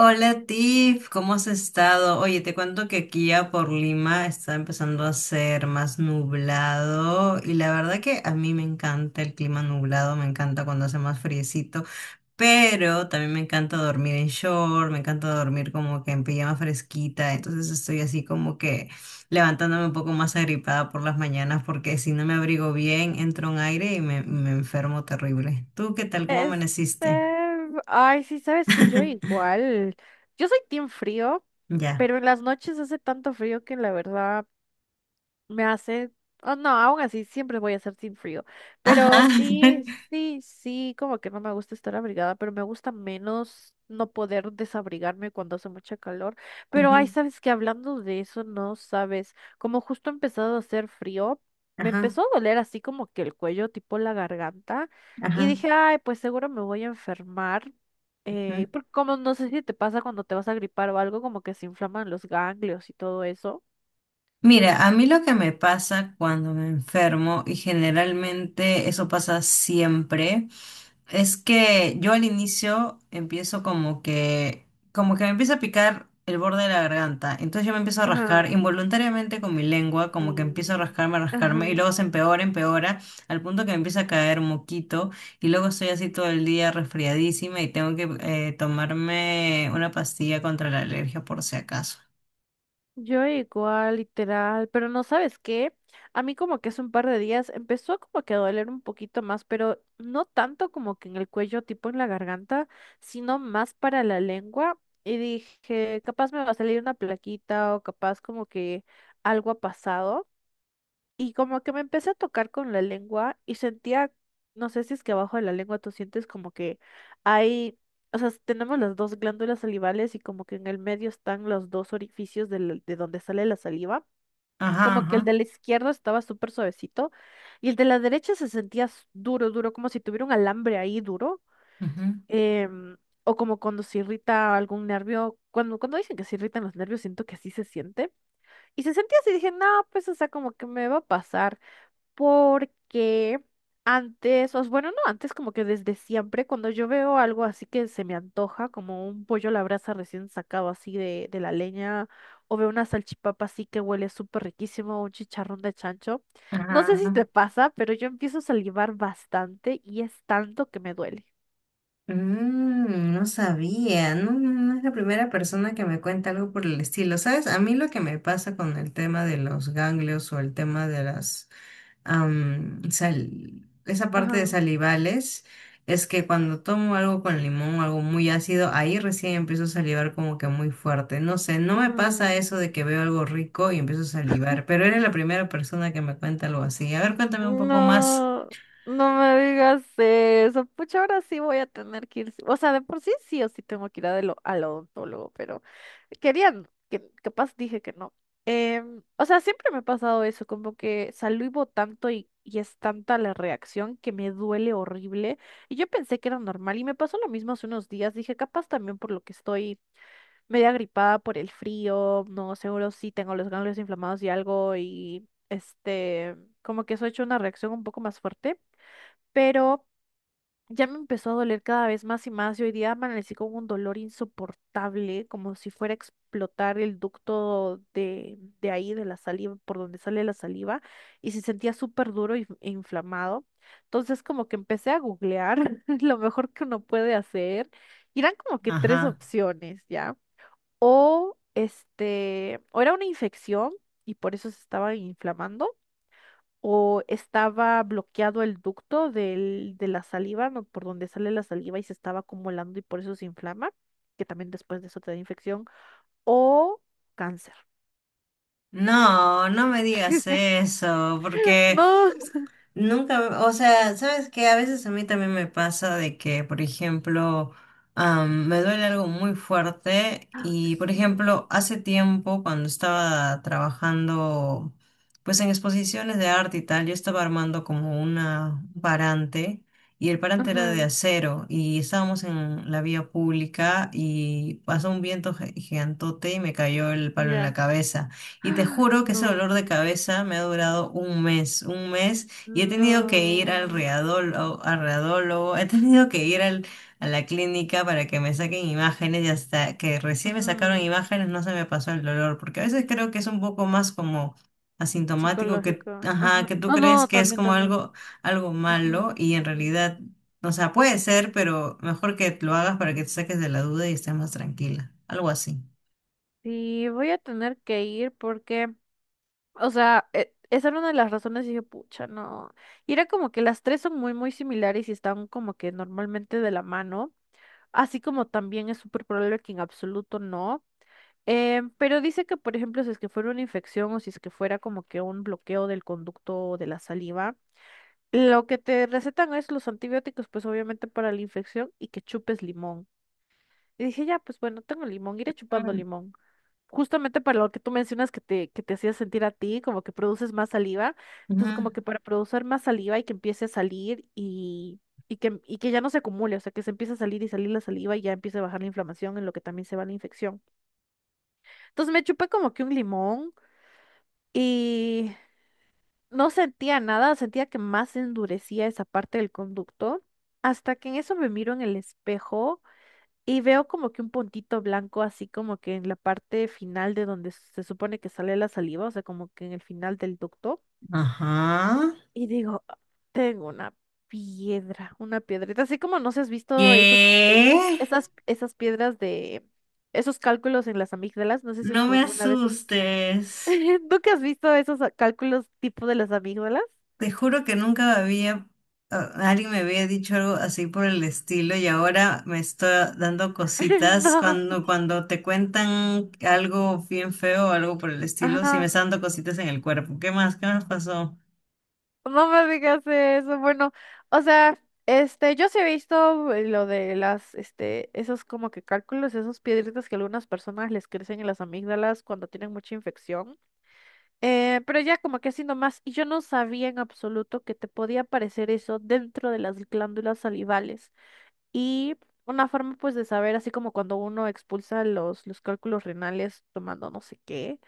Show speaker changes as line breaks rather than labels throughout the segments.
Hola Tiff, ¿cómo has estado? Oye, te cuento que aquí ya por Lima está empezando a ser más nublado y la verdad que a mí me encanta el clima nublado, me encanta cuando hace más friecito, pero también me encanta dormir en short, me encanta dormir como que en pijama fresquita, entonces estoy así como que levantándome un poco más agripada por las mañanas porque si no me abrigo bien entro en aire y me enfermo terrible. ¿Tú qué tal? ¿Cómo
Este,
amaneciste?
Ay, sí, sabes que yo igual, yo soy team frío,
Ya.
pero en las noches hace tanto frío que la verdad me hace, oh, no, aún así siempre voy a hacer sin frío, pero
Ajá.
sí, sí, sí, como que no me gusta estar abrigada, pero me gusta menos no poder desabrigarme cuando hace mucha calor. Pero ay,
Ujú,
sabes que hablando de eso, no sabes, como justo ha empezado a hacer frío, me
ajá,
empezó a doler así como que el cuello, tipo la garganta, y
ajá,
dije, ay, pues seguro me voy a enfermar.
ajá.
Porque como no sé si te pasa cuando te vas a gripar o algo, como que se inflaman los ganglios y todo eso.
Mira, a mí lo que me pasa cuando me enfermo, y generalmente eso pasa siempre, es que yo al inicio empiezo como como que me empieza a picar el borde de la garganta. Entonces yo me empiezo a rascar
Ajá.
involuntariamente con mi lengua, como que empiezo
Y-
a rascarme, y
Ajá.
luego se empeora, empeora, al punto que me empieza a caer moquito, y luego estoy así todo el día resfriadísima y tengo que tomarme una pastilla contra la alergia por si acaso.
Yo igual, literal, pero no sabes qué. A mí como que hace un par de días empezó como que a doler un poquito más, pero no tanto como que en el cuello, tipo en la garganta, sino más para la lengua. Y dije, capaz me va a salir una plaquita o capaz como que algo ha pasado. Y como que me empecé a tocar con la lengua y sentía, no sé si es que abajo de la lengua tú sientes como que hay, o sea, tenemos las dos glándulas salivales y como que en el medio están los dos orificios de donde sale la saliva.
Ajá,
Como que el
ajá,
de la izquierda estaba súper suavecito y el de la derecha se sentía duro, duro, como si tuviera un alambre ahí duro.
ujú,
em, o como cuando se irrita algún nervio. Cuando dicen que se irritan los nervios, siento que así se siente. Y se sentía así, dije, no, pues, o sea, como que me va a pasar porque bueno, no antes, como que desde siempre, cuando yo veo algo así que se me antoja, como un pollo a la brasa recién sacado así de la leña, o veo una salchipapa así que huele súper riquísimo, un chicharrón de chancho, no
ajá,
sé si
ajá.
te pasa, pero yo empiezo a salivar bastante y es tanto que me duele.
Mm, no sabía, no, no es la primera persona que me cuenta algo por el estilo. ¿Sabes? A mí lo que me pasa con el tema de los ganglios o el tema de esa parte de
Ajá.
salivales, es que cuando tomo algo con limón, algo muy ácido, ahí recién empiezo a salivar como que muy fuerte. No sé, no me pasa
Ujú.
eso de que veo algo rico y empiezo a salivar, pero eres la primera persona que me cuenta algo así. A ver, cuéntame un poco más.
No, no me digas eso. Pucha, ahora sí voy a tener que ir. Sí, o sea, de por sí sí o sí tengo que ir al odontólogo, pero querían, que capaz dije que no. O sea, siempre me ha pasado eso, como que salivo tanto y es tanta la reacción que me duele horrible. Y yo pensé que era normal y me pasó lo mismo hace unos días. Dije, capaz también por lo que estoy media gripada por el frío, no, seguro sí tengo los ganglios inflamados y algo y este, como que eso ha hecho una reacción un poco más fuerte, pero ya me empezó a doler cada vez más y más y hoy día amanecí con un dolor insoportable, como si fuera a explotar el ducto de ahí, de la saliva, por donde sale la saliva, y se sentía súper duro e inflamado. Entonces como que empecé a googlear lo mejor que uno puede hacer. Y eran como que tres
Ajá.
opciones, ¿ya? O este, o era una infección y por eso se estaba inflamando, o estaba bloqueado el ducto de la saliva, no, por donde sale la saliva y se estaba acumulando y por eso se inflama, que también después de eso te da infección, o cáncer.
No, no me digas eso, porque
No.
nunca, o sea, sabes que a veces a mí también me pasa de que, por ejemplo, me duele algo muy fuerte
Ah,
y, por
sí.
ejemplo, hace tiempo cuando estaba trabajando, pues en exposiciones de arte y tal, yo estaba armando como una un parante y el parante era de
Ajá,
acero y estábamos en la vía pública y pasó un viento gigantote y me cayó el palo en la
ya.
cabeza. Y te
Ah,
juro que ese dolor de
no,
cabeza me ha durado un mes, y he tenido que ir
no.
al readólogo, he tenido que ir a la clínica para que me saquen imágenes y hasta que recién me sacaron
Ujú,
imágenes no se me pasó el dolor, porque a veces creo que es un poco más como asintomático que,
psicológico.
ajá,
Ajá.
que tú
Oh,
crees
no,
que es
también,
como
también.
algo, algo malo
Ujú.
y en realidad, o sea, puede ser, pero mejor que lo hagas para que te saques de la duda y estés más tranquila, algo así.
Sí, voy a tener que ir porque o sea, esa era una de las razones y dije, pucha, no. Y era como que las tres son muy, muy similares y están como que normalmente de la mano. Así como también es súper probable que en absoluto no. Pero dice que, por ejemplo, si es que fuera una infección o si es que fuera como que un bloqueo del conducto de la saliva, lo que te recetan es los antibióticos, pues obviamente para la infección y que chupes limón. Y dije, ya, pues bueno, tengo limón, iré chupando
Mm.
limón justamente para lo que tú mencionas que que te hacía sentir a ti, como que produces más saliva.
Ujú.
Entonces, como que para producir más saliva y que empiece a salir y que ya no se acumule, o sea, que se empiece a salir y salir la saliva y ya empiece a bajar la inflamación, en lo que también se va la infección. Entonces, me chupé como que un limón y no sentía nada, sentía que más endurecía esa parte del conducto. Hasta que en eso me miro en el espejo y veo como que un puntito blanco así como que en la parte final de donde se supone que sale la saliva, o sea, como que en el final del ducto.
Ajá.
Y digo, "Ah, tengo una piedra, una piedrita, así como no sé, si has visto esas, eh,
¿Qué?
esas, esas piedras de esos cálculos en las amígdalas, no sé si es
No
que
me
alguna vez has..."
asustes.
¿Tú que has visto esos cálculos tipo de las amígdalas?
Te juro que nunca alguien me había dicho algo así por el estilo y ahora me está dando cositas
No,
cuando, cuando te cuentan algo bien feo o algo por el estilo, sí me
ajá.
está dando cositas en el cuerpo. ¿Qué más? ¿Qué más pasó?
No me digas eso. Bueno, o sea, este, yo sí he visto lo de las, este, esos como que cálculos, esos piedritas que a algunas personas les crecen en las amígdalas cuando tienen mucha infección. Pero ya como que así nomás, y yo no sabía en absoluto que te podía aparecer eso dentro de las glándulas salivales. Y una forma pues de saber, así como cuando uno expulsa los cálculos renales tomando no sé qué,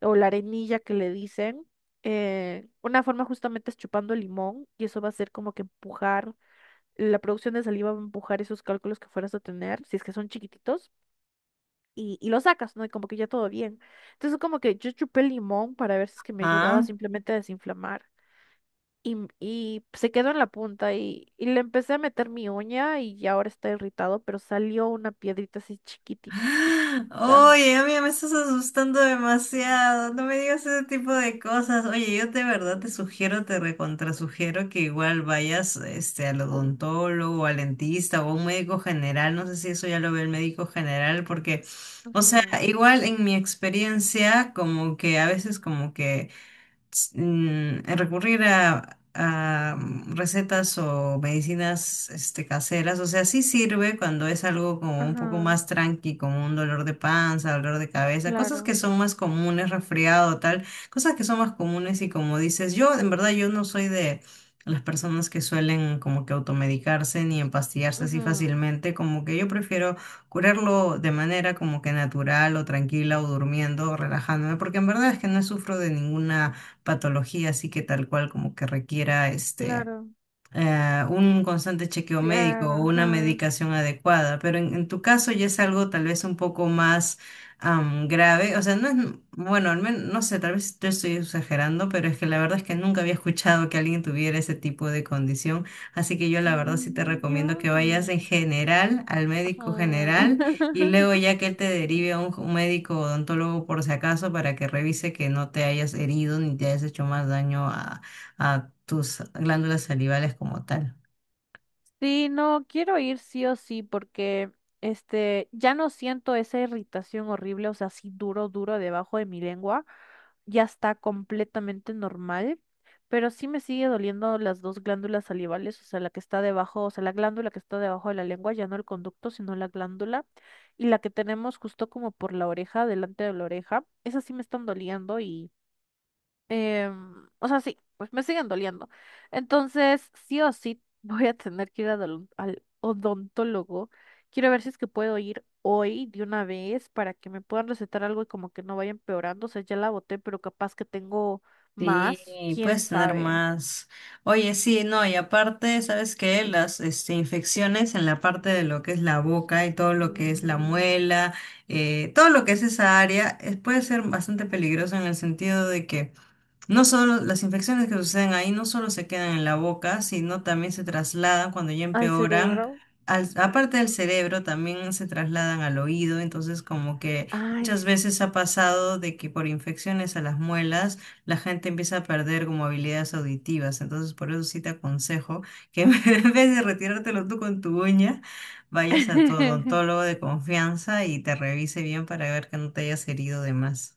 o la arenilla que le dicen, una forma justamente es chupando limón y eso va a ser como que empujar, la producción de saliva va a empujar esos cálculos que fueras a tener, si es que son chiquititos, y los sacas, ¿no? Y como que ya todo bien. Entonces como que yo chupé limón para ver si es que me ayudaba
¿Ah?
simplemente a desinflamar y se quedó en la punta y le empecé a meter mi uña y ya ahora está irritado, pero salió una piedrita así chiquititita.
¡Ah! Oye, amiga, me estás asustando demasiado. No me digas ese tipo de cosas. Oye, yo de verdad te sugiero, te recontrasugiero que igual vayas este, al odontólogo, al dentista o a un médico general. No sé si eso ya lo ve el médico general, porque, o sea,
Ajá,
igual en mi experiencia, como que a veces como que recurrir a, recetas o medicinas este, caseras. O sea, sí sirve cuando es algo como un poco
ajá,
más tranqui, como un dolor de panza, dolor de cabeza, cosas que
claro,
son más comunes, resfriado, tal, cosas que son más comunes y como dices, yo en verdad yo no soy de... las personas que suelen como que automedicarse ni empastillarse así
ajá,
fácilmente, como que yo prefiero curarlo de manera como que natural o tranquila o durmiendo o relajándome, porque en verdad es que no sufro de ninguna patología, así que tal cual como que requiera este
claro,
un constante chequeo médico o
claro,
una
ajá.
medicación adecuada, pero en tu caso ya es algo tal vez un poco más grave, o sea, no es, bueno, al menos, no sé, tal vez te estoy exagerando, pero es que la verdad es que nunca había escuchado que alguien tuviera ese tipo de condición, así que yo la verdad sí te
Mm,
recomiendo que vayas
yo.
en general al médico
Ajá.
general y luego ya que él te derive a un médico odontólogo por si acaso para que revise que no te hayas herido ni te hayas hecho más daño a tus glándulas salivales como tal.
Sí, no, quiero ir sí o sí porque este ya no siento esa irritación horrible, o sea, así duro, duro debajo de mi lengua, ya está completamente normal, pero sí me sigue doliendo las dos glándulas salivales, o sea, la que está debajo, o sea, la glándula que está debajo de la lengua, ya no el conducto, sino la glándula, y la que tenemos justo como por la oreja, delante de la oreja, esas sí me están doliendo. O sea, sí, pues me siguen doliendo. Entonces, sí o sí, voy a tener que ir al, al odontólogo. Quiero ver si es que puedo ir hoy de una vez para que me puedan recetar algo y como que no vaya empeorando. O sea, ya la boté, pero capaz que tengo más,
Sí,
quién
puedes tener
sabe.
más. Oye, sí, no, y aparte, ¿sabes qué? Las este, infecciones en la parte de lo que es la boca y todo lo que es la
Mm,
muela, todo lo que es esa área, es- puede ser bastante peligroso en el sentido de que no solo las infecciones que suceden ahí no solo se quedan en la boca, sino también se trasladan cuando ya
al
empeoran.
cerebro.
Aparte del cerebro, también se trasladan al oído. Entonces, como que
Ay,
muchas veces ha pasado de que por infecciones a las muelas, la gente empieza a perder como habilidades auditivas. Entonces, por eso sí te aconsejo que en vez de retirártelo tú con tu uña, vayas a tu
sí.
odontólogo de confianza y te revise bien para ver que no te hayas herido de más.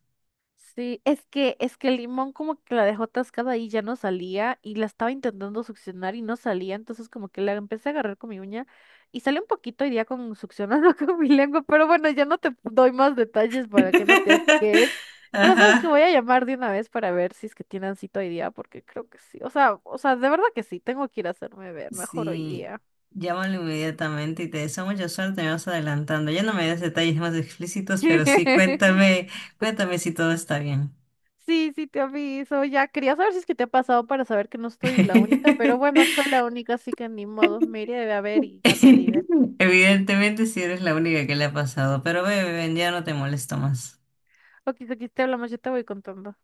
Sí, es que el limón como que la dejó atascada y ya no salía y la estaba intentando succionar y no salía, entonces como que la empecé a agarrar con mi uña y salió un poquito y ya con succionando con mi lengua, pero bueno, ya no te doy más detalles para que no te asques. Pero sabes que
Ajá.
voy a llamar de una vez para ver si es que tienen cita hoy día, porque creo que sí. O sea, de verdad que sí, tengo que ir a hacerme ver mejor hoy
Sí,
día.
llámalo inmediatamente y te deseo mucha suerte, me vas adelantando. Ya no me des detalles más explícitos, pero sí cuéntame, cuéntame si todo está bien.
Sí, sí, te aviso. Ya quería saber si es que te ha pasado para saber que no estoy la única, pero bueno, soy la única, así que ni modo. Me iré a ver y ya te diré.
Evidentemente, si eres la única que le ha pasado, pero ve, ven, ya no te molesto más.
Ok, aquí te hablamos, yo te voy contando.